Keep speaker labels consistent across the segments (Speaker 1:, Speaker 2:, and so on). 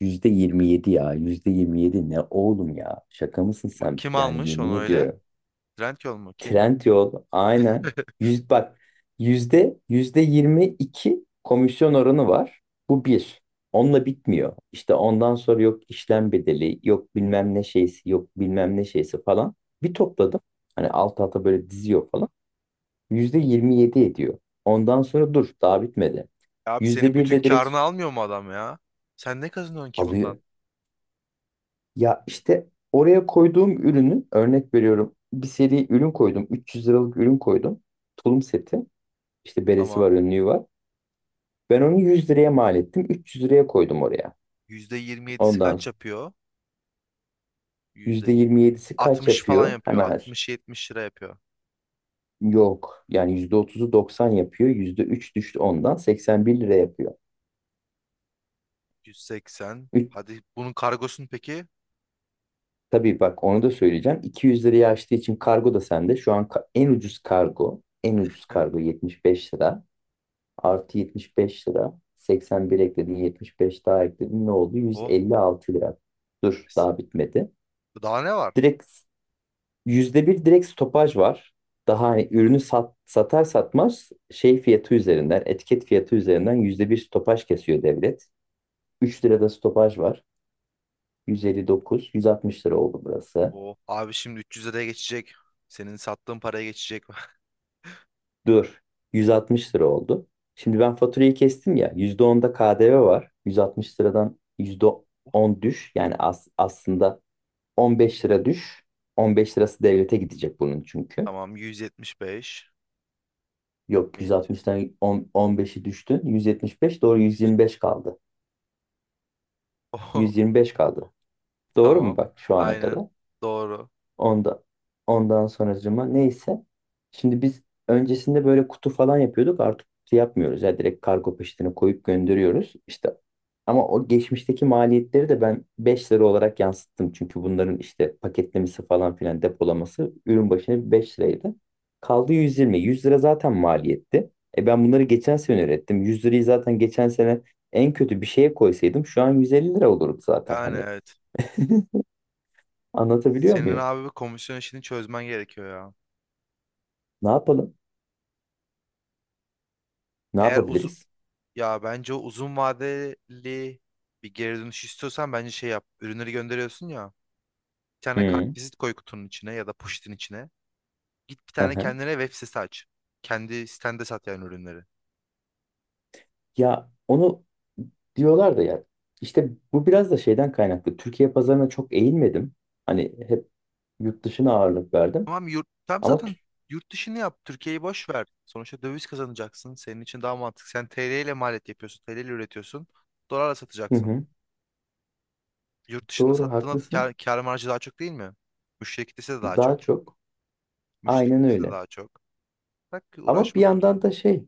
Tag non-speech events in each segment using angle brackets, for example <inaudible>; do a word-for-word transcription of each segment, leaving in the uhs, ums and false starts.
Speaker 1: Yüzde yirmi yedi ya. Yüzde yirmi yedi ne oğlum ya? Şaka mısın
Speaker 2: Bak,
Speaker 1: sen?
Speaker 2: kim
Speaker 1: Yani
Speaker 2: almış
Speaker 1: yemin
Speaker 2: onu öyle?
Speaker 1: ediyorum.
Speaker 2: Trendyol mu? Kim?
Speaker 1: Trend yol aynen.
Speaker 2: <laughs>
Speaker 1: Yüz, bak yüzde yüzde yirmi iki komisyon oranı var. Bu bir. Onunla bitmiyor. İşte ondan sonra yok işlem bedeli, yok bilmem ne şeysi, yok bilmem ne şeysi falan. Bir topladım. Hani alt alta böyle diziyor falan. Yüzde yirmi yedi ediyor. Ondan sonra dur daha bitmedi.
Speaker 2: Abi
Speaker 1: Yüzde
Speaker 2: senin
Speaker 1: bir
Speaker 2: bütün
Speaker 1: de direkt
Speaker 2: karını almıyor mu adam ya? Sen ne kazanıyorsun ki
Speaker 1: alıyor.
Speaker 2: bundan?
Speaker 1: Ya işte oraya koyduğum ürünü örnek veriyorum. Bir seri ürün koydum. üç yüz liralık ürün koydum. Tulum seti. İşte beresi
Speaker 2: Tamam.
Speaker 1: var, önlüğü var. Ben onu yüz liraya mal ettim. üç yüz liraya koydum oraya.
Speaker 2: yüzde yirmi yedisi
Speaker 1: Ondan
Speaker 2: kaç
Speaker 1: sonra
Speaker 2: yapıyor? yüzde yirmi yedi.
Speaker 1: yüzde yirmi yedisi kaç
Speaker 2: Altmış falan
Speaker 1: yapıyor?
Speaker 2: yapıyor.
Speaker 1: Hemen
Speaker 2: Altmış yetmiş lira yapıyor.
Speaker 1: yok. Yani yüzde otuzu doksan yapıyor. yüzde üç düştü ondan. seksen bir lira yapıyor.
Speaker 2: Yüz seksen.
Speaker 1: Üç,
Speaker 2: Hadi bunun kargosun peki?
Speaker 1: tabii bak onu da söyleyeceğim. iki yüz liraya açtığı için kargo da sende. Şu an ka- en ucuz kargo. En ucuz kargo yetmiş beş lira. Artı yetmiş beş lira. seksen bir ekledin, yetmiş beş daha ekledin. Ne oldu? Yüz
Speaker 2: Oh.
Speaker 1: elli altı lira. Dur, daha bitmedi.
Speaker 2: Daha ne var?
Speaker 1: Direkt yüzde bir direkt stopaj var. Daha hani ürünü sat, satar satmaz şey fiyatı üzerinden, etiket fiyatı üzerinden yüzde bir stopaj kesiyor devlet. üç lirada stopaj var. Yüz elli dokuz, yüz altmış lira oldu burası.
Speaker 2: Oh. Abi şimdi üç yüz liraya geçecek. Senin sattığın paraya geçecek. <laughs>
Speaker 1: Dur, yüz altmış lira oldu. Şimdi ben faturayı kestim ya. yüzde onda K D V var. Yüz altmış liradan yüzde on düş. Yani as, aslında on beş lira düş. on beş lirası devlete gidecek bunun çünkü.
Speaker 2: Tamam. yüz yetmiş beş.
Speaker 1: Yok
Speaker 2: Met.
Speaker 1: yüz altmıştan on on beşi düştün. yüz yetmiş beş doğru
Speaker 2: yüz.
Speaker 1: yüz yirmi beş kaldı.
Speaker 2: <laughs> Oh.
Speaker 1: yüz yirmi beş kaldı. Doğru mu
Speaker 2: Tamam.
Speaker 1: bak şu ana
Speaker 2: Aynen.
Speaker 1: kadar?
Speaker 2: Doğru.
Speaker 1: Onda, ondan sonracıma neyse. Şimdi biz öncesinde böyle kutu falan yapıyorduk. Artık kutu yapmıyoruz. Ya direkt kargo peşine koyup gönderiyoruz. İşte ama o geçmişteki maliyetleri de ben beş lira olarak yansıttım. Çünkü bunların işte paketlemesi falan filan depolaması ürün başına beş liraydı. Kaldı yüz yirmi. yüz lira zaten maliyetti. E ben bunları geçen sene ürettim. yüz lirayı zaten geçen sene en kötü bir şeye koysaydım şu an yüz elli lira olurdu zaten.
Speaker 2: Yani
Speaker 1: Hani
Speaker 2: evet.
Speaker 1: anlatabiliyor
Speaker 2: Senin
Speaker 1: muyum?
Speaker 2: abi bir komisyon işini çözmen gerekiyor ya.
Speaker 1: Ne yapalım? Ne
Speaker 2: Eğer uzun
Speaker 1: yapabiliriz?
Speaker 2: Ya bence o uzun vadeli bir geri dönüş istiyorsan bence şey yap. Ürünleri gönderiyorsun ya. Bir tane
Speaker 1: Hı,
Speaker 2: kartvizit koy kutunun içine ya da poşetin içine. Git bir
Speaker 1: hı
Speaker 2: tane
Speaker 1: hı.
Speaker 2: kendine web sitesi aç. Kendi sitende sat yani ürünleri.
Speaker 1: Ya onu diyorlar da ya işte bu biraz da şeyden kaynaklı. Türkiye pazarına çok eğilmedim. Hani hep yurt dışına ağırlık verdim.
Speaker 2: Tamam. Yurt tam
Speaker 1: Ama tü-
Speaker 2: zaten yurt dışını yap. Türkiye'yi boş ver. Sonuçta döviz kazanacaksın. Senin için daha mantıklı. Sen T L ile maliyet yapıyorsun. T L ile üretiyorsun. Dolarla
Speaker 1: hı
Speaker 2: satacaksın.
Speaker 1: hı,
Speaker 2: Yurt dışında
Speaker 1: doğru
Speaker 2: sattığında
Speaker 1: haklısın.
Speaker 2: kar, kar marjı daha çok değil mi? Müşteri kitlesi de daha
Speaker 1: Daha
Speaker 2: çok.
Speaker 1: çok, aynen
Speaker 2: Müşteklisi
Speaker 1: öyle.
Speaker 2: daha çok. Bak,
Speaker 1: Ama bir
Speaker 2: uğraşma
Speaker 1: yandan
Speaker 2: Türkiye'yle.
Speaker 1: da şey.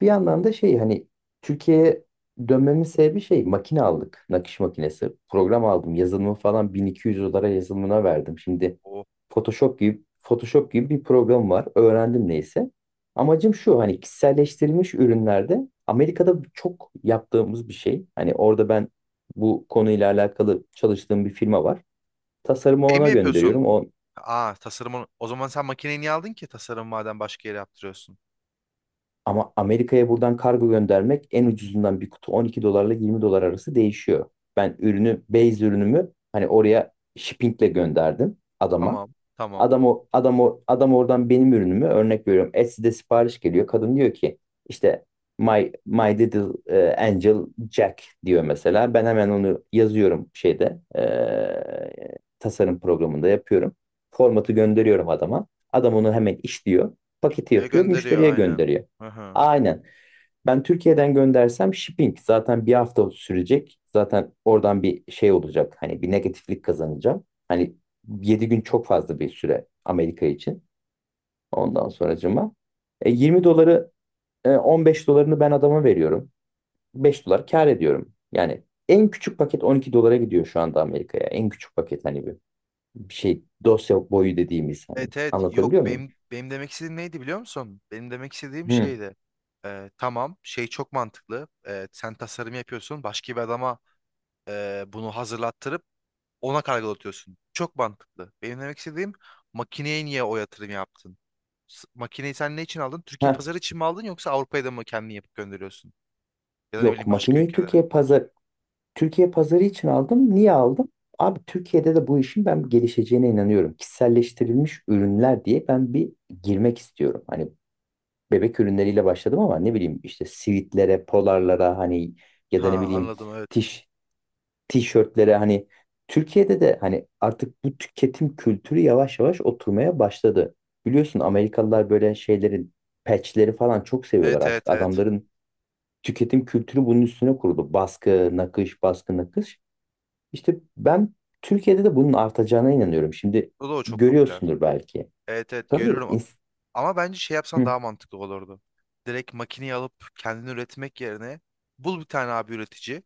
Speaker 1: Bir yandan da şey hani Türkiye'ye dönmemin sebebi şey makine aldık. Nakış makinesi. Program aldım. Yazılımı falan bin iki yüz dolara yazılımına verdim. Şimdi
Speaker 2: O.
Speaker 1: Photoshop gibi Photoshop gibi bir program var. Öğrendim neyse. Amacım şu hani kişiselleştirilmiş ürünlerde Amerika'da çok yaptığımız bir şey. Hani orada ben bu konuyla alakalı çalıştığım bir firma var. Tasarımı
Speaker 2: Şey mi
Speaker 1: ona
Speaker 2: yapıyorsun?
Speaker 1: gönderiyorum. O
Speaker 2: Aa, tasarımın. O zaman sen makineyi niye aldın ki tasarım madem başka yere yaptırıyorsun?
Speaker 1: Ama Amerika'ya buradan kargo göndermek en ucuzundan bir kutu on iki dolarla yirmi dolar arası değişiyor. Ben ürünü, base ürünümü hani oraya shippingle gönderdim adama.
Speaker 2: Tamam. Tamam.
Speaker 1: Adam o adam o adam oradan benim ürünümü örnek veriyorum. Etsy'de sipariş geliyor. Kadın diyor ki işte my my little e, angel Jack diyor mesela. Ben hemen onu yazıyorum şeyde e, tasarım programında yapıyorum. Formatı gönderiyorum adama. Adam onu hemen işliyor. Paketi
Speaker 2: Diye
Speaker 1: yapıyor,
Speaker 2: gönderiyor
Speaker 1: müşteriye
Speaker 2: aynen.
Speaker 1: gönderiyor.
Speaker 2: Hı hı.
Speaker 1: Aynen. Ben Türkiye'den göndersem shipping zaten bir hafta sürecek. Zaten oradan bir şey olacak. Hani bir negatiflik kazanacağım. Hani yedi gün çok fazla bir süre Amerika için. Ondan sonracıma. E, yirmi doları e, on beş dolarını ben adama veriyorum. beş dolar kar ediyorum. Yani en küçük paket on iki dolara gidiyor şu anda Amerika'ya. En küçük paket hani bir, bir şey dosya boyu dediğimiz hani.
Speaker 2: Evet, evet. Yok,
Speaker 1: Anlatabiliyor muyum?
Speaker 2: benim, benim demek istediğim neydi biliyor musun? Benim demek istediğim
Speaker 1: Hı.
Speaker 2: şeydi. Ee, tamam, şey çok mantıklı. Ee, sen tasarım yapıyorsun. Başka bir adama e, bunu hazırlattırıp ona kargolatıyorsun. Çok mantıklı. Benim demek istediğim makineye niye o yatırım yaptın? S- Makineyi sen ne için aldın? Türkiye
Speaker 1: Heh.
Speaker 2: pazarı için mi aldın, yoksa Avrupa'ya da mı kendini yapıp gönderiyorsun? Ya da ne
Speaker 1: Yok
Speaker 2: bileyim başka
Speaker 1: makineyi
Speaker 2: ülkelere.
Speaker 1: Türkiye pazar Türkiye pazarı için aldım. Niye aldım? Abi Türkiye'de de bu işin ben gelişeceğine inanıyorum. Kişiselleştirilmiş ürünler diye ben bir girmek istiyorum. Hani bebek ürünleriyle başladım ama ne bileyim işte sivitlere, polarlara hani ya da ne
Speaker 2: Ha,
Speaker 1: bileyim
Speaker 2: anladım, evet.
Speaker 1: tiş, tişörtlere hani Türkiye'de de hani artık bu tüketim kültürü yavaş yavaş oturmaya başladı. Biliyorsun Amerikalılar böyle şeylerin patchleri falan çok seviyorlar
Speaker 2: Evet,
Speaker 1: artık.
Speaker 2: evet, evet.
Speaker 1: Adamların tüketim kültürü bunun üstüne kuruldu. Baskı, nakış, baskı, nakış. İşte ben Türkiye'de de bunun artacağına inanıyorum. Şimdi
Speaker 2: O da o çok popüler.
Speaker 1: görüyorsundur belki.
Speaker 2: Evet, evet,
Speaker 1: Tabii.
Speaker 2: görüyorum.
Speaker 1: ins-
Speaker 2: Ama bence şey yapsan
Speaker 1: Hı
Speaker 2: daha mantıklı olurdu. Direkt makineyi alıp kendini üretmek yerine bul bir tane abi üretici.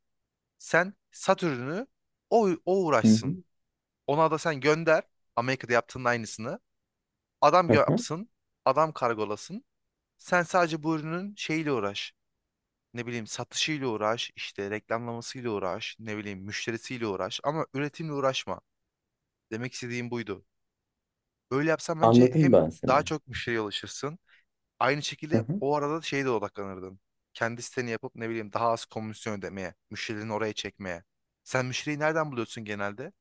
Speaker 2: Sen sat ürünü, o, o
Speaker 1: hı
Speaker 2: uğraşsın. Ona da sen gönder. Amerika'da yaptığın aynısını. Adam
Speaker 1: hı, hı.
Speaker 2: yapsın, adam kargolasın. Sen sadece bu ürünün şeyiyle uğraş. Ne bileyim, satışıyla uğraş, işte reklamlamasıyla uğraş, ne bileyim müşterisiyle uğraş ama üretimle uğraşma. Demek istediğim buydu. Böyle yapsan bence
Speaker 1: Anladım
Speaker 2: hem
Speaker 1: ben seni.
Speaker 2: daha çok müşteriye ulaşırsın. Aynı
Speaker 1: Hı
Speaker 2: şekilde
Speaker 1: hı.
Speaker 2: o arada şeye de odaklanırdın. Kendi siteni yapıp ne bileyim daha az komisyon ödemeye, müşterilerini oraya çekmeye. Sen müşteriyi nereden buluyorsun genelde?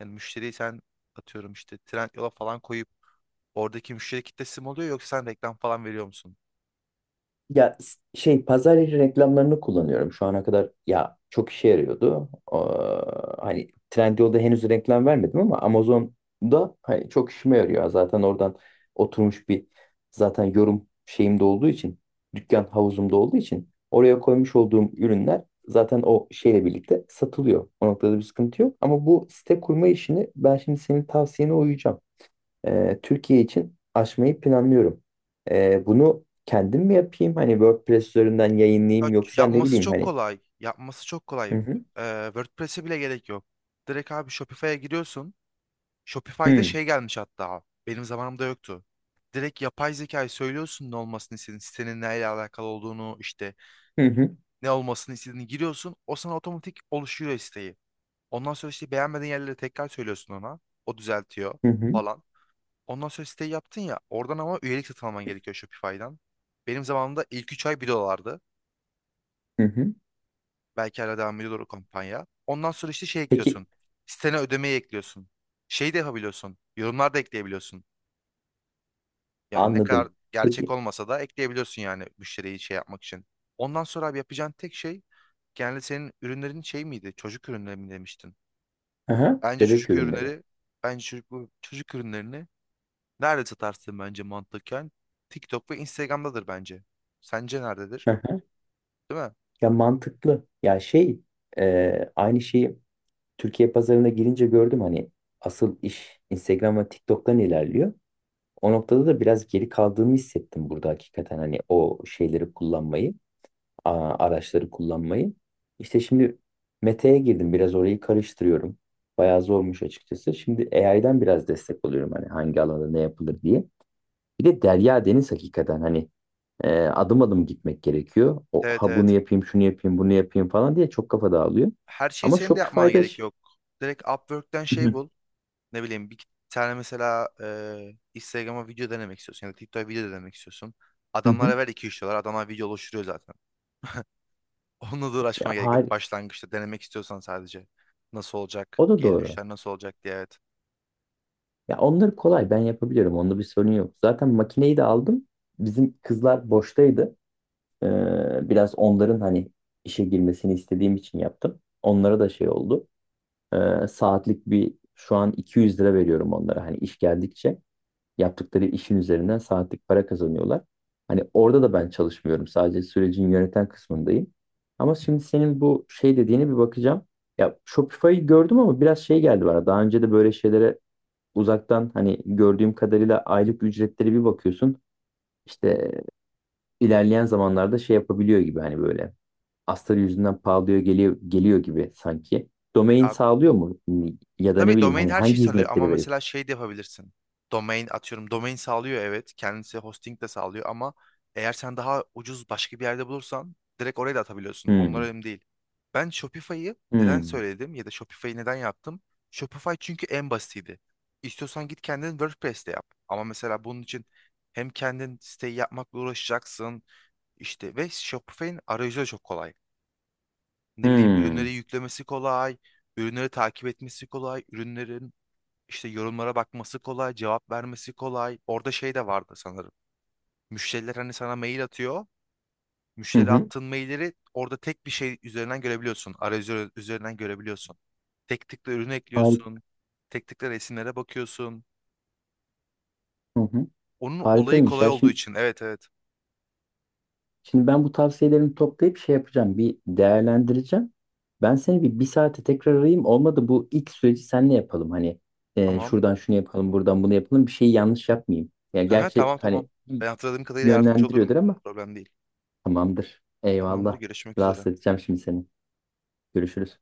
Speaker 2: Yani müşteriyi sen atıyorum işte Trendyol'a falan koyup oradaki müşteri kitlesi mi oluyor, yoksa sen reklam falan veriyor musun?
Speaker 1: Ya s- şey pazar yeri reklamlarını kullanıyorum. Şu ana kadar ya çok işe yarıyordu. Ee, hani Trendyol'da henüz reklam vermedim ama Amazon'da hani çok işime yarıyor. Zaten oradan oturmuş bir zaten yorum şeyimde olduğu için dükkan havuzumda olduğu için oraya koymuş olduğum ürünler zaten o şeyle birlikte satılıyor. O noktada bir sıkıntı yok. Ama bu site kurma işini ben şimdi senin tavsiyene uyacağım, e, Türkiye için açmayı planlıyorum. E, bunu kendim mi yapayım? Hani WordPress üzerinden
Speaker 2: Ya,
Speaker 1: yayınlayayım yoksa ne
Speaker 2: Yapması
Speaker 1: bileyim
Speaker 2: çok
Speaker 1: hani.
Speaker 2: kolay. Yapması çok kolay.
Speaker 1: Hı hı.
Speaker 2: Ee, WordPress'e bile gerek yok. Direkt abi Shopify'a giriyorsun. Shopify'da
Speaker 1: Hı
Speaker 2: şey gelmiş hatta. Benim zamanımda yoktu. Direkt yapay zekayı söylüyorsun ne olmasını istediğin, sitenin neyle alakalı olduğunu, işte
Speaker 1: hı hı
Speaker 2: ne olmasını istediğini giriyorsun. O sana otomatik oluşuyor siteyi. Ondan sonra işte beğenmediğin yerleri tekrar söylüyorsun ona. O düzeltiyor
Speaker 1: hı hı,
Speaker 2: falan. Ondan sonra siteyi yaptın ya. Oradan ama üyelik satın alman gerekiyor Shopify'dan. Benim zamanımda ilk üç ay bir dolardı.
Speaker 1: hı hı.
Speaker 2: Belki hala devam ediyor o kampanya. Ondan sonra işte şey
Speaker 1: Peki,
Speaker 2: ekliyorsun. Sitene ödemeyi ekliyorsun. Şey de yapabiliyorsun, yorumlar da ekleyebiliyorsun. Yani ne kadar
Speaker 1: anladım.
Speaker 2: gerçek
Speaker 1: Peki.
Speaker 2: olmasa da ekleyebiliyorsun yani müşteriyi şey yapmak için. Ondan sonra abi yapacağın tek şey, genelde senin ürünlerin şey miydi? Çocuk ürünleri mi demiştin?
Speaker 1: Aha,
Speaker 2: Bence
Speaker 1: bebek
Speaker 2: çocuk
Speaker 1: ürünleri.
Speaker 2: ürünleri, bence çocuk, çocuk ürünlerini nerede satarsın bence mantıken? TikTok ve Instagram'dadır bence. Sence nerededir?
Speaker 1: Aha.
Speaker 2: Değil mi?
Speaker 1: Ya mantıklı. Ya şey e, aynı şeyi Türkiye pazarına girince gördüm hani asıl iş Instagram ve TikTok'tan ilerliyor. O noktada da biraz geri kaldığımı hissettim burada hakikaten hani o şeyleri kullanmayı. A- araçları kullanmayı. İşte şimdi Mete'ye girdim. Biraz orayı karıştırıyorum. Bayağı zormuş açıkçası. Şimdi a i'den biraz destek alıyorum. Hani hangi alanda ne yapılır diye. Bir de derya deniz hakikaten hani e, adım adım gitmek gerekiyor. O,
Speaker 2: Evet,
Speaker 1: ha bunu
Speaker 2: evet.
Speaker 1: yapayım, şunu yapayım, bunu yapayım falan diye çok kafa dağılıyor.
Speaker 2: Her şeyi
Speaker 1: Ama
Speaker 2: senin de yapmana
Speaker 1: Shopify'da
Speaker 2: gerek
Speaker 1: ş-
Speaker 2: yok. Direkt Upwork'ten
Speaker 1: Hı
Speaker 2: şey
Speaker 1: hı,
Speaker 2: bul. Ne bileyim bir tane mesela e, Instagram'a video denemek istiyorsun ya da TikTok'a video denemek istiyorsun.
Speaker 1: hı hı.
Speaker 2: Adamlara ver iki üç dolar. Adamlar video oluşturuyor zaten. <laughs> Onunla da
Speaker 1: Ya,
Speaker 2: uğraşmaya gerek yok.
Speaker 1: har-
Speaker 2: Başlangıçta denemek istiyorsan sadece. Nasıl olacak?
Speaker 1: o da
Speaker 2: Geri
Speaker 1: doğru.
Speaker 2: dönüşler nasıl olacak diye, evet.
Speaker 1: Ya onları kolay ben yapabiliyorum. Onda bir sorun yok. Zaten makineyi de aldım. Bizim kızlar boştaydı. Ee, biraz onların hani işe girmesini istediğim için yaptım. Onlara da şey oldu. Ee, saatlik bir şu an iki yüz lira veriyorum onlara. Hani iş geldikçe yaptıkları işin üzerinden saatlik para kazanıyorlar. Hani orada da ben çalışmıyorum. Sadece sürecin yöneten kısmındayım. Ama şimdi senin bu şey dediğine bir bakacağım. Ya Shopify'ı gördüm ama biraz şey geldi bana. Daha önce de böyle şeylere uzaktan hani gördüğüm kadarıyla aylık ücretleri bir bakıyorsun. İşte ilerleyen zamanlarda şey yapabiliyor gibi hani böyle astarı yüzünden pahalıya geliyor, geliyor gibi sanki. Domain sağlıyor mu? Ya da ne
Speaker 2: Tabii,
Speaker 1: bileyim
Speaker 2: domain
Speaker 1: hani
Speaker 2: her şeyi
Speaker 1: hangi
Speaker 2: sağlıyor ama
Speaker 1: hizmetleri veriyor.
Speaker 2: mesela şey de yapabilirsin. Domain atıyorum, domain sağlıyor evet, kendisi hosting de sağlıyor ama eğer sen daha ucuz başka bir yerde bulursan direkt oraya da atabiliyorsun. Onlar
Speaker 1: Hmm,
Speaker 2: önemli değil. Ben Shopify'ı neden
Speaker 1: hmm,
Speaker 2: söyledim, ya da Shopify'ı neden yaptım? Shopify çünkü en basitiydi. İstiyorsan git kendin WordPress'te yap. Ama mesela bunun için hem kendin siteyi yapmakla uğraşacaksın işte, ve Shopify'in arayüzü de çok kolay. Ne bileyim, ürünleri
Speaker 1: hmm.
Speaker 2: yüklemesi kolay, ürünleri takip etmesi kolay, ürünlerin işte yorumlara bakması kolay, cevap vermesi kolay. Orada şey de vardı sanırım. Müşteriler hani sana mail atıyor.
Speaker 1: Hı
Speaker 2: Müşteri
Speaker 1: hı.
Speaker 2: attığın mailleri orada tek bir şey üzerinden görebiliyorsun. Arayüzü üzerinden görebiliyorsun. Tek tıkla ürünü
Speaker 1: Harika,
Speaker 2: ekliyorsun. Tek tıkla resimlere bakıyorsun.
Speaker 1: hı hı.
Speaker 2: Onun olayı
Speaker 1: Harikaymış
Speaker 2: kolay
Speaker 1: ya.
Speaker 2: olduğu
Speaker 1: Şimdi,
Speaker 2: için. Evet, evet.
Speaker 1: şimdi ben bu tavsiyelerimi toplayıp şey yapacağım. Bir değerlendireceğim. Ben seni bir, bir saate tekrar arayayım. Olmadı bu ilk süreci senle yapalım. Hani e,
Speaker 2: Tamam.
Speaker 1: şuradan şunu yapalım, buradan bunu yapalım. Bir şeyi yanlış yapmayayım. Ya
Speaker 2: Aha,
Speaker 1: gerçi
Speaker 2: tamam, tamam.
Speaker 1: hani
Speaker 2: Ben hatırladığım kadarıyla yardımcı olurum.
Speaker 1: yönlendiriyordur ama
Speaker 2: Problem değil.
Speaker 1: tamamdır.
Speaker 2: Tamamdır.
Speaker 1: Eyvallah.
Speaker 2: Görüşmek üzere.
Speaker 1: Rahatsız edeceğim şimdi seni. Görüşürüz.